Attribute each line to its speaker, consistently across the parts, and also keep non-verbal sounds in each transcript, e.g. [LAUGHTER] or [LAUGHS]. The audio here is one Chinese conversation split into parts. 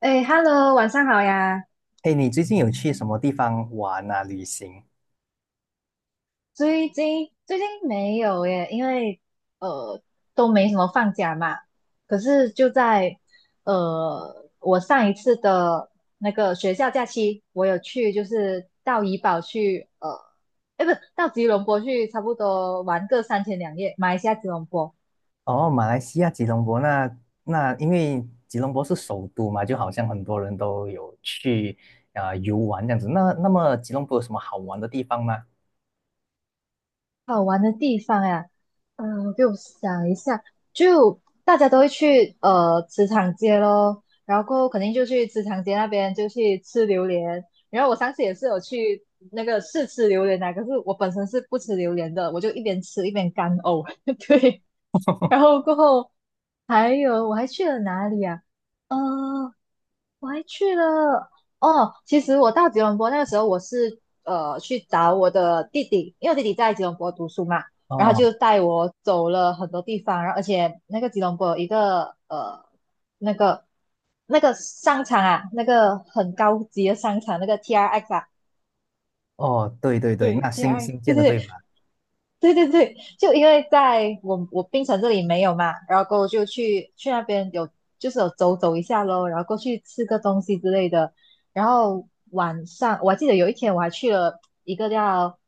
Speaker 1: 哎，Hello，晚上好呀。
Speaker 2: 嘿，你最近有去什么地方玩啊？旅行？
Speaker 1: 最近没有耶，因为呃都没什么放假嘛。可是就在我上一次的那个学校假期，我有去就是到怡保去哎不，到吉隆坡去，差不多玩个三天两夜，马来西亚吉隆坡。
Speaker 2: 哦，马来西亚吉隆坡那那，因为吉隆坡是首都嘛，就好像很多人都有去游玩这样子。那那么吉隆坡有什么好玩的地方吗？
Speaker 1: 好玩的地方呀，给我想一下，就大家都会去茨场街咯，然后肯定就去茨场街那边就去吃榴莲，然后我上次也是有去那个试吃榴莲的，可是我本身是不吃榴莲的，我就一边吃一边干呕，[LAUGHS] 对，然后过后还有我还去了哪里啊？嗯。我还去了哦。其实我到吉隆坡那个时候，我是去找我的弟弟，因为我弟弟在吉隆坡读书嘛，然后
Speaker 2: 哦
Speaker 1: 就带我走了很多地方，然后而且那个吉隆坡有一个那个商场啊，那个很高级的商场，那个 TRX 啊。
Speaker 2: 哦，对对对，
Speaker 1: 对，
Speaker 2: 那
Speaker 1: t
Speaker 2: 新
Speaker 1: r x
Speaker 2: 新
Speaker 1: 对
Speaker 2: 建的
Speaker 1: 对
Speaker 2: 对
Speaker 1: 对，
Speaker 2: 吧？
Speaker 1: 对对对，就因为在我槟城这里没有嘛，然后过后就去那边有就是有走走一下咯，然后过去吃个东西之类的，然后晚上我还记得有一天我还去了一个叫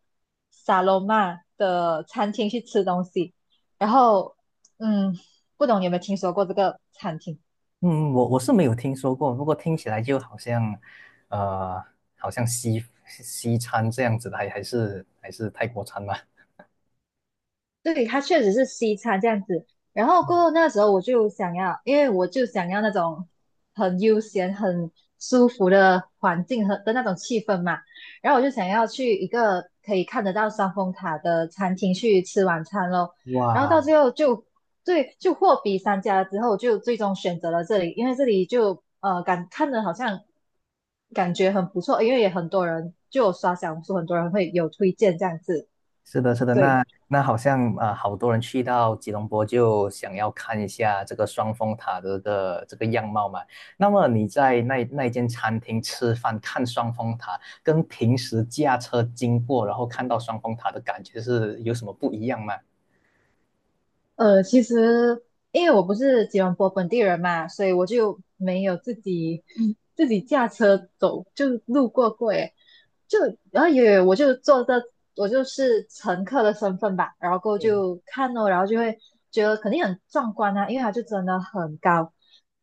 Speaker 1: 萨罗曼的餐厅去吃东西，然后嗯，不懂你有没有听说过这个餐厅？
Speaker 2: 嗯，我是没有听说过，不过听起来就好像，呃，好像西餐这样子的，还是泰国餐吧？
Speaker 1: 对，它确实是西餐这样子。然后过后那时候我就想要，因为我就想要那种很悠闲、很舒服的环境和的那种气氛嘛。然后我就想要去一个可以看得到双峰塔的餐厅去吃晚餐咯。然后到
Speaker 2: 哇，
Speaker 1: 最后就对，就货比三家之后，就最终选择了这里，因为这里就感看着好像感觉很不错，因为也很多人就有刷小红书，很多人会有推荐这样子。
Speaker 2: 是的，是的，
Speaker 1: 对，
Speaker 2: 那那好像好多人去到吉隆坡就想要看一下这个双峰塔的这个这个样貌嘛。那么你在那那间餐厅吃饭看双峰塔，跟平时驾车经过然后看到双峰塔的感觉是有什么不一样吗？
Speaker 1: 其实因为我不是吉隆坡本地人嘛，所以我就没有自己 [LAUGHS] 自己驾车走，就路过过耶。就然后也我就坐着，我就是乘客的身份吧，然后过后
Speaker 2: 嗯，
Speaker 1: 就看哦，然后就会觉得肯定很壮观啊，因为它就真的很高。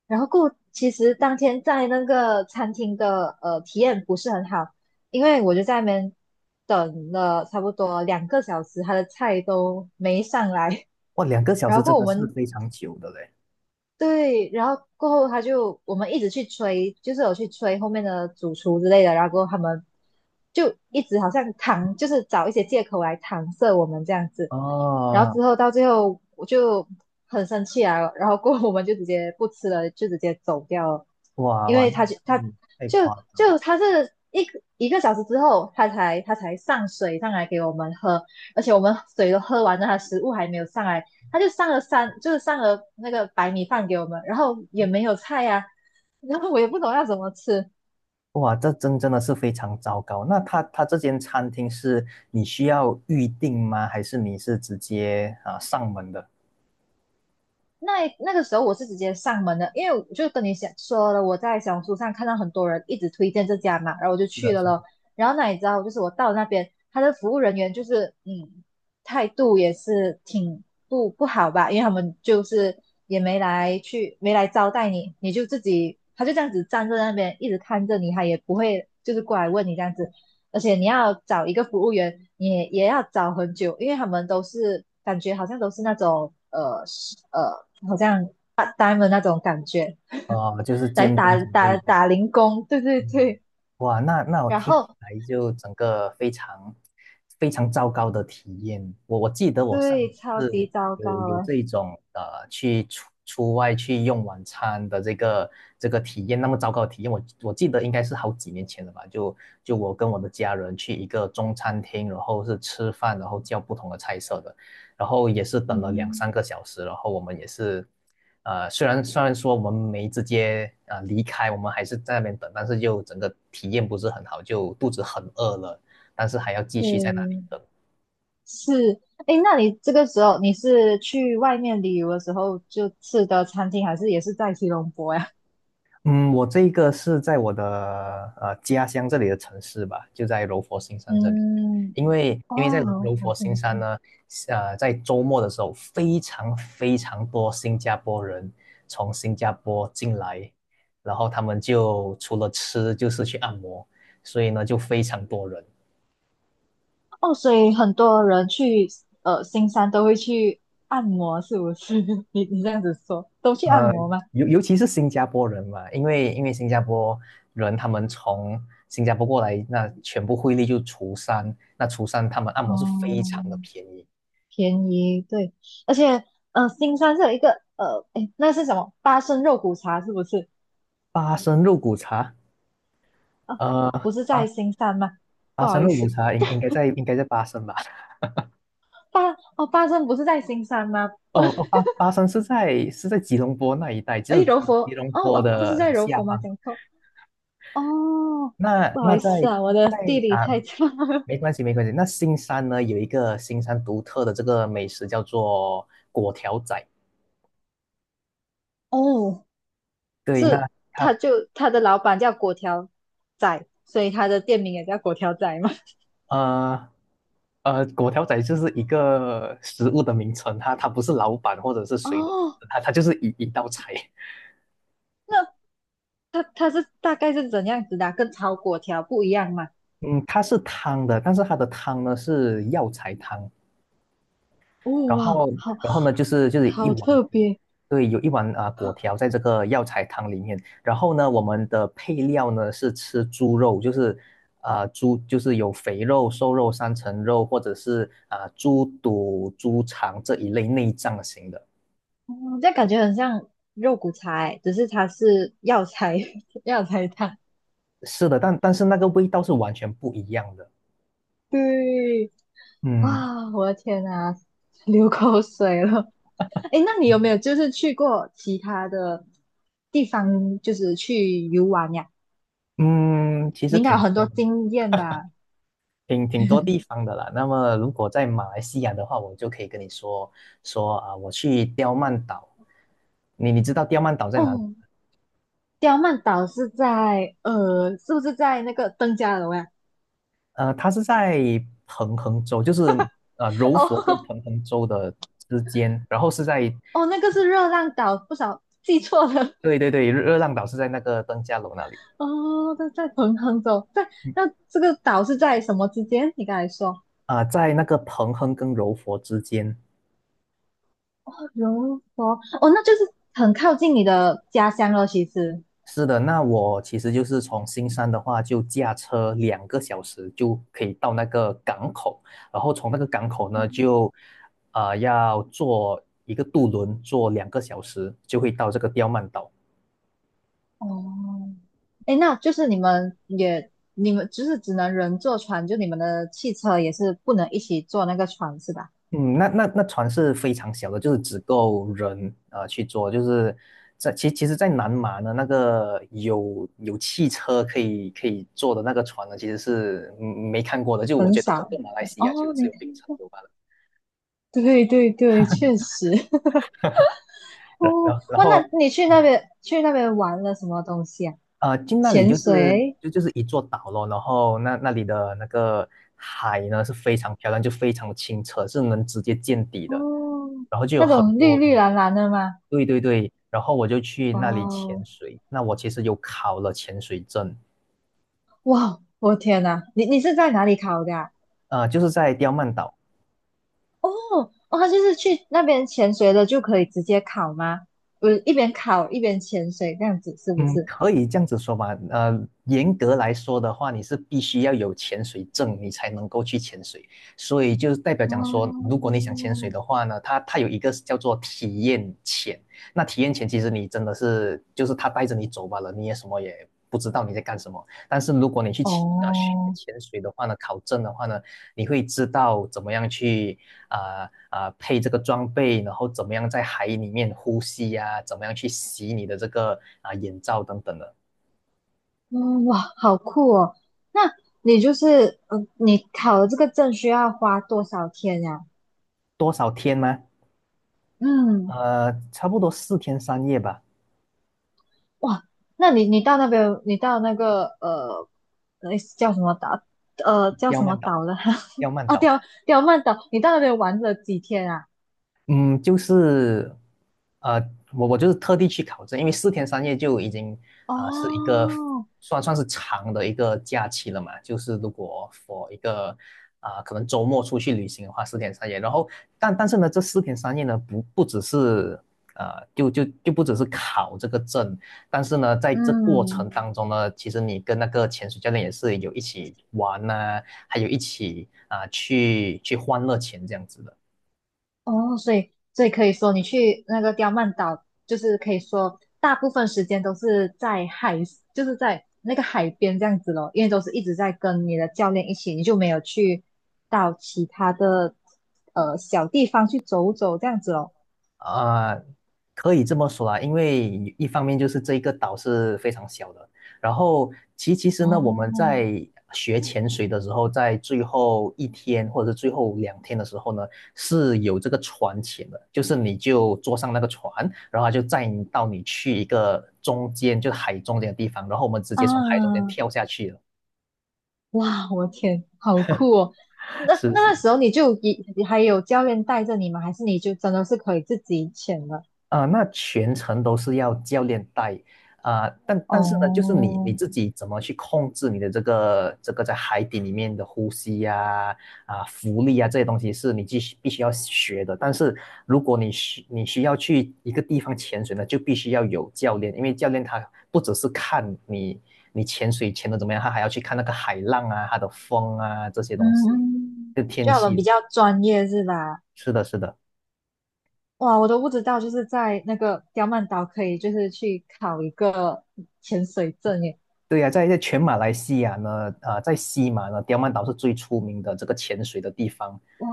Speaker 1: 然后过后其实当天在那个餐厅的体验不是很好，因为我就在那边等了差不多两个小时，他的菜都没上来。
Speaker 2: 哇，两个小
Speaker 1: 然
Speaker 2: 时
Speaker 1: 后过
Speaker 2: 真
Speaker 1: 后我
Speaker 2: 的是
Speaker 1: 们
Speaker 2: 非常久的嘞。
Speaker 1: 对，然后过后他就我们一直去催，就是有去催后面的主厨之类的，然后过后他们就一直好像搪，就是找一些借口来搪塞我们这样子。然后
Speaker 2: 哦，
Speaker 1: 之后到最后我就很生气啊，然后过后我们就直接不吃了，就直接走掉了，
Speaker 2: 哇
Speaker 1: 因
Speaker 2: 哇，
Speaker 1: 为
Speaker 2: 那
Speaker 1: 他就他
Speaker 2: 嗯，太
Speaker 1: 就
Speaker 2: 夸
Speaker 1: 就他是一个小时之后，他才上水上来给我们喝，而且我们水都喝完了，他食物还没有上来，他就上了三，就是上了那个白米饭给我们，然后也没有菜呀、[LAUGHS] 啊然后我也不懂要怎么吃。
Speaker 2: 哇，这真真的是非常糟糕。那他这间餐厅是你需要预定吗？还是你是直接上门的？
Speaker 1: 那那个时候我是直接上门的，因为我就跟你想说了，我在小红书上看到很多人一直推荐这家嘛，然后我就
Speaker 2: 是的，
Speaker 1: 去
Speaker 2: 是
Speaker 1: 了
Speaker 2: 的。
Speaker 1: 咯。然后那你知道，就是我到那边，他的服务人员就是态度也是挺不好吧，因为他们就是也没来去没来招待你，你就自己他就这样子站在那边一直看着你，他也不会就是过来问你这样子。而且你要找一个服务员，也要找很久，因为他们都是感觉好像都是那种呃，好像 PAR 的那种感觉，
Speaker 2: 呃，就是
Speaker 1: 来
Speaker 2: 间天
Speaker 1: 打
Speaker 2: 准
Speaker 1: 打
Speaker 2: 备。
Speaker 1: 打零工，对对
Speaker 2: 嗯，
Speaker 1: 对，
Speaker 2: 哇，那那我
Speaker 1: 然
Speaker 2: 听起
Speaker 1: 后
Speaker 2: 来就整个非常非常糟糕的体验。我记得我上
Speaker 1: 对，
Speaker 2: 嗯
Speaker 1: 超级
Speaker 2: 次
Speaker 1: 糟
Speaker 2: 有
Speaker 1: 糕
Speaker 2: 有
Speaker 1: 啊，
Speaker 2: 这种去出外去用晚餐的这个这个体验，那么糟糕的体验，我记得应该是好几年前了吧？就就我跟我的家人去一个中餐厅，然后是吃饭，然后叫不同的菜色的，然后也是等了两三
Speaker 1: 嗯，
Speaker 2: 个小时，然后我们也是。呃，虽然说我们没直接离开，我们还是在那边等，但是就整个体验不是很好，就肚子很饿了，但是还要继续在那里
Speaker 1: 对，
Speaker 2: 等。
Speaker 1: 是，诶，那你这个时候你是去外面旅游的时候就吃的餐厅，还是也是在吉隆坡呀？
Speaker 2: 嗯，我这个是在我的家乡这里的城市吧，就在柔佛新山这里。
Speaker 1: 嗯，
Speaker 2: 因为
Speaker 1: 哦，
Speaker 2: 因为在柔柔
Speaker 1: 好
Speaker 2: 佛新
Speaker 1: 好
Speaker 2: 山呢，呃，在周末的时候，非常非常多新加坡人从新加坡进来，然后他们就除了吃就是去按摩，所以呢就非常多人。
Speaker 1: 哦，所以很多人去新山都会去按摩，是不是？[LAUGHS] 你这样子说，都去按
Speaker 2: 呃，
Speaker 1: 摩吗？
Speaker 2: 尤其是新加坡人嘛，因为新加坡人他们从新加坡过来，那全部汇率就除三，那除三他们按摩是非常的
Speaker 1: 嗯，
Speaker 2: 便宜，
Speaker 1: 便宜，对，而且新山是有一个诶，那是什么？八升肉骨茶是不是？
Speaker 2: 八升肉骨茶，呃，
Speaker 1: 不是
Speaker 2: 八
Speaker 1: 在新山吗？不
Speaker 2: 八
Speaker 1: 好
Speaker 2: 升
Speaker 1: 意
Speaker 2: 肉骨
Speaker 1: 思，
Speaker 2: 茶应该在应该在八升吧？[LAUGHS]
Speaker 1: 八哦八升不是在新山吗？[LAUGHS]
Speaker 2: 哦哦，八升是在是在吉隆坡那一带，只有
Speaker 1: 诶，柔
Speaker 2: 吉吉
Speaker 1: 佛
Speaker 2: 隆
Speaker 1: 哦
Speaker 2: 坡
Speaker 1: 哦，不
Speaker 2: 的
Speaker 1: 是在柔
Speaker 2: 下
Speaker 1: 佛吗？
Speaker 2: 方。
Speaker 1: 讲错哦，
Speaker 2: 那
Speaker 1: 不好
Speaker 2: 那
Speaker 1: 意思
Speaker 2: 在
Speaker 1: 啊，我的
Speaker 2: 在
Speaker 1: 地理
Speaker 2: 啊，
Speaker 1: 太差了。
Speaker 2: 没关系没关系。那新山呢有一个新山独特的这个美食叫做粿条仔。
Speaker 1: [LAUGHS] 哦，
Speaker 2: 对，那
Speaker 1: 是
Speaker 2: 它
Speaker 1: 他就他的老板叫果条仔，所以他的店名也叫果条仔嘛。
Speaker 2: 呃，果条仔就是一个食物的名称，它不是老板或者是谁的名
Speaker 1: 哦
Speaker 2: 字，它就是一道菜。
Speaker 1: 那他是大概是怎样子的啊跟炒果条不一样嘛？
Speaker 2: 嗯，它是汤的，但是它的汤呢是药材汤，
Speaker 1: 哦
Speaker 2: 然
Speaker 1: 哇，
Speaker 2: 后
Speaker 1: 好
Speaker 2: 然后呢就是就是一
Speaker 1: 好
Speaker 2: 碗，
Speaker 1: 特别，
Speaker 2: 对，有一碗果条在这个药材汤里面，然后呢我们的配料呢是吃猪肉，就是猪就是有肥肉、瘦肉、三层肉或者是猪肚、猪肠这一类内脏型的。
Speaker 1: 哦，这样感觉很像肉骨茶欸，只是它是药材 [LAUGHS] 药材汤。
Speaker 2: 是的，但但是那个味道是完全不一样的。
Speaker 1: 对，
Speaker 2: 嗯
Speaker 1: 啊，我的天啊，流口水了。哎，那你有没有就是去过其他的地方，就是去游玩呀？
Speaker 2: 嗯，其
Speaker 1: 你
Speaker 2: 实
Speaker 1: 应该有
Speaker 2: 挺
Speaker 1: 很
Speaker 2: 多
Speaker 1: 多经验吧？
Speaker 2: 挺多地方的啦。那么如果在马来西亚的话，我就可以跟你说说啊，我去刁曼岛。你知道刁曼岛在哪里？
Speaker 1: 哦，刁曼岛是在是不是在那个登嘉楼呀？
Speaker 2: 呃，它是在彭亨州，就是
Speaker 1: [LAUGHS]
Speaker 2: 柔佛跟
Speaker 1: 哦
Speaker 2: 彭亨州的之间，然后是在
Speaker 1: 哦，那个是热浪岛，不少记错了。
Speaker 2: 对对对，热浪岛是在那个登嘉楼那里，
Speaker 1: 哦，[LAUGHS] 在彭亨州，在
Speaker 2: 嗯，
Speaker 1: 那这个岛是在什么之间？你刚才说
Speaker 2: 在那个彭亨跟柔佛之间。
Speaker 1: 柔佛，哦，那就是很靠近你的家乡了，其实。
Speaker 2: 是的，那我其实就是从新山的话，就驾车两个小时就可以到那个港口，然后从那个港口呢，就要坐一个渡轮，坐两个小时就会到这个刁曼岛。
Speaker 1: 哦，哎，那就是你们也，你们就是只能人坐船，就你们的汽车也是不能一起坐那个船是吧？
Speaker 2: 嗯，那那船是非常小的，就是只够人去坐，就是在其实，在南马呢，那个有汽车可以坐的那个船呢，其实是嗯没看过的，就我
Speaker 1: 很
Speaker 2: 觉得整
Speaker 1: 少。
Speaker 2: 个马来西亚就
Speaker 1: 哦，
Speaker 2: 只
Speaker 1: 没
Speaker 2: 有槟城有罢了。
Speaker 1: [LAUGHS] 对对对，确实。[LAUGHS]
Speaker 2: 然
Speaker 1: 哦，
Speaker 2: 然
Speaker 1: 哇，
Speaker 2: 后。
Speaker 1: 那你去那边玩了什么东西啊？
Speaker 2: 呃，进那里
Speaker 1: 潜
Speaker 2: 就是
Speaker 1: 水？
Speaker 2: 就是一座岛咯，然后那那里的那个海呢是非常漂亮，就非常的清澈，是能直接见底的。
Speaker 1: 哦，
Speaker 2: 然后就有
Speaker 1: 那
Speaker 2: 很
Speaker 1: 种绿
Speaker 2: 多
Speaker 1: 绿
Speaker 2: 鱼，
Speaker 1: 蓝蓝的吗？
Speaker 2: 对对对，然后我就去那里潜
Speaker 1: 哦，
Speaker 2: 水。那我其实有考了潜水证，
Speaker 1: 哇，我天呐，你是在哪里考的啊？
Speaker 2: 呃，就是在刁曼岛。
Speaker 1: 哦，哦，他就是去那边潜水的就可以直接考吗？我一边考一边潜水这样子是不
Speaker 2: 嗯，
Speaker 1: 是？
Speaker 2: 可以这样子说吧。呃，严格来说的话，你是必须要有潜水证，你才能够去潜水。所以就是代表讲说，如
Speaker 1: 哦，
Speaker 2: 果你想潜水的话呢，它有一个叫做体验潜。那体验潜其实你真的是就是它带着你走罢了，你也什么也不知道你在干什么。但是如果你去潜啊学
Speaker 1: 哦。
Speaker 2: 潜水的话呢，考证的话呢，你会知道怎么样去配这个装备，然后怎么样在海里面呼吸呀、怎么样去洗你的这个眼罩等等的。
Speaker 1: 嗯，哇，好酷哦！那你就是，嗯，你考了这个证需要花多少天呀？
Speaker 2: 多少天吗？
Speaker 1: 嗯，
Speaker 2: 呃，差不多四天三夜吧。
Speaker 1: 哇，那你到那边，你到那个那叫什么岛？叫
Speaker 2: 刁
Speaker 1: 什么
Speaker 2: 曼岛，
Speaker 1: 岛了？[LAUGHS]
Speaker 2: 刁曼
Speaker 1: 哦，
Speaker 2: 岛。
Speaker 1: 刁曼岛，你到那边玩了几天啊？
Speaker 2: 嗯，就是，呃，我就是特地去考证，因为四天三夜就已经，呃，是一个
Speaker 1: 哦，
Speaker 2: 算是长的一个假期了嘛。就是如果 for 一个，可能周末出去旅行的话，四天三夜。然后，但但是呢，这四天三夜呢，不只是，呃，就不只是考这个证，但是呢，在这过
Speaker 1: 嗯。
Speaker 2: 程当中呢，其实你跟那个潜水教练也是有一起玩呐、还有一起去去欢乐潜这样子的。
Speaker 1: 哦，所以可以说，你去那个刁曼岛，就是可以说大部分时间都是在海，就是在那个海边这样子咯，因为都是一直在跟你的教练一起，你就没有去到其他的小地方去走走这样子咯。
Speaker 2: 啊、可以这么说啦，因为一方面就是这一个岛是非常小的，然后其实呢，我们
Speaker 1: 哦，
Speaker 2: 在学潜水的时候，在最后一天或者是最后两天的时候呢，是有这个船潜的，就是你就坐上那个船，然后它就载你到你去一个中间，就是海中间的地方，然后我们直接从海中间
Speaker 1: 啊，
Speaker 2: 跳下去了。
Speaker 1: 哇，我天，好酷哦！
Speaker 2: [LAUGHS]
Speaker 1: 那
Speaker 2: 是
Speaker 1: 那
Speaker 2: 是。
Speaker 1: 个时候你就一还有教练带着你吗？还是你就真的是可以自己潜了？
Speaker 2: 啊、那全程都是要教练带啊、但但是呢，就是你
Speaker 1: 哦，
Speaker 2: 自己怎么去控制你的这个这个在海底里面的呼吸呀、啊、浮力啊这些东西是你必须必须要学的。但是如果你需要去一个地方潜水呢，就必须要有教练，因为教练他不只是看你你潜水潜的怎么样，他还要去看那个海浪啊、它的风啊这些
Speaker 1: 嗯
Speaker 2: 东西，
Speaker 1: 嗯，
Speaker 2: 就天
Speaker 1: 就我们比
Speaker 2: 气。
Speaker 1: 较专业是吧？
Speaker 2: 是的，是的。
Speaker 1: 哇，我都不知道，就是在那个刁曼岛可以就是去考一个潜水证耶！
Speaker 2: 对呀、在全马来西亚呢，啊、在西马呢，刁曼岛是最出名的这个潜水的地方，
Speaker 1: 哇，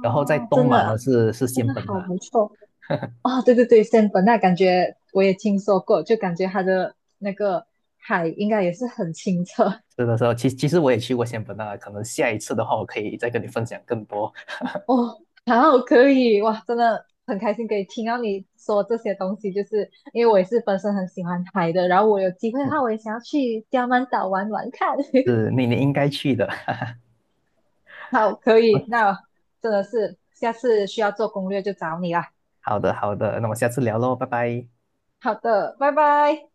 Speaker 2: 然后在东
Speaker 1: 真
Speaker 2: 马呢
Speaker 1: 的
Speaker 2: 是
Speaker 1: 真
Speaker 2: 仙
Speaker 1: 的
Speaker 2: 本
Speaker 1: 好
Speaker 2: 那，
Speaker 1: 不错
Speaker 2: [LAUGHS]
Speaker 1: 哦！对对对，仙本那感觉我也听说过，就感觉它的那个海应该也是很清澈，
Speaker 2: 是的时候，其实我也去过仙本那，可能下一次的话，我可以再跟你分享更多，
Speaker 1: 哦，好，可以，哇，真的很开心可以听到你说这些东西，就是因为我也是本身很喜欢海的，然后我有机会的
Speaker 2: 嗯，
Speaker 1: 话，我也想要去刁曼岛玩玩看。
Speaker 2: 是你应该去的。
Speaker 1: [LAUGHS] 好，可以，
Speaker 2: [LAUGHS]
Speaker 1: 那真的是下次需要做攻略就找你啦。
Speaker 2: 好的好的，那我们下次聊喽，拜拜。
Speaker 1: 好的，拜拜。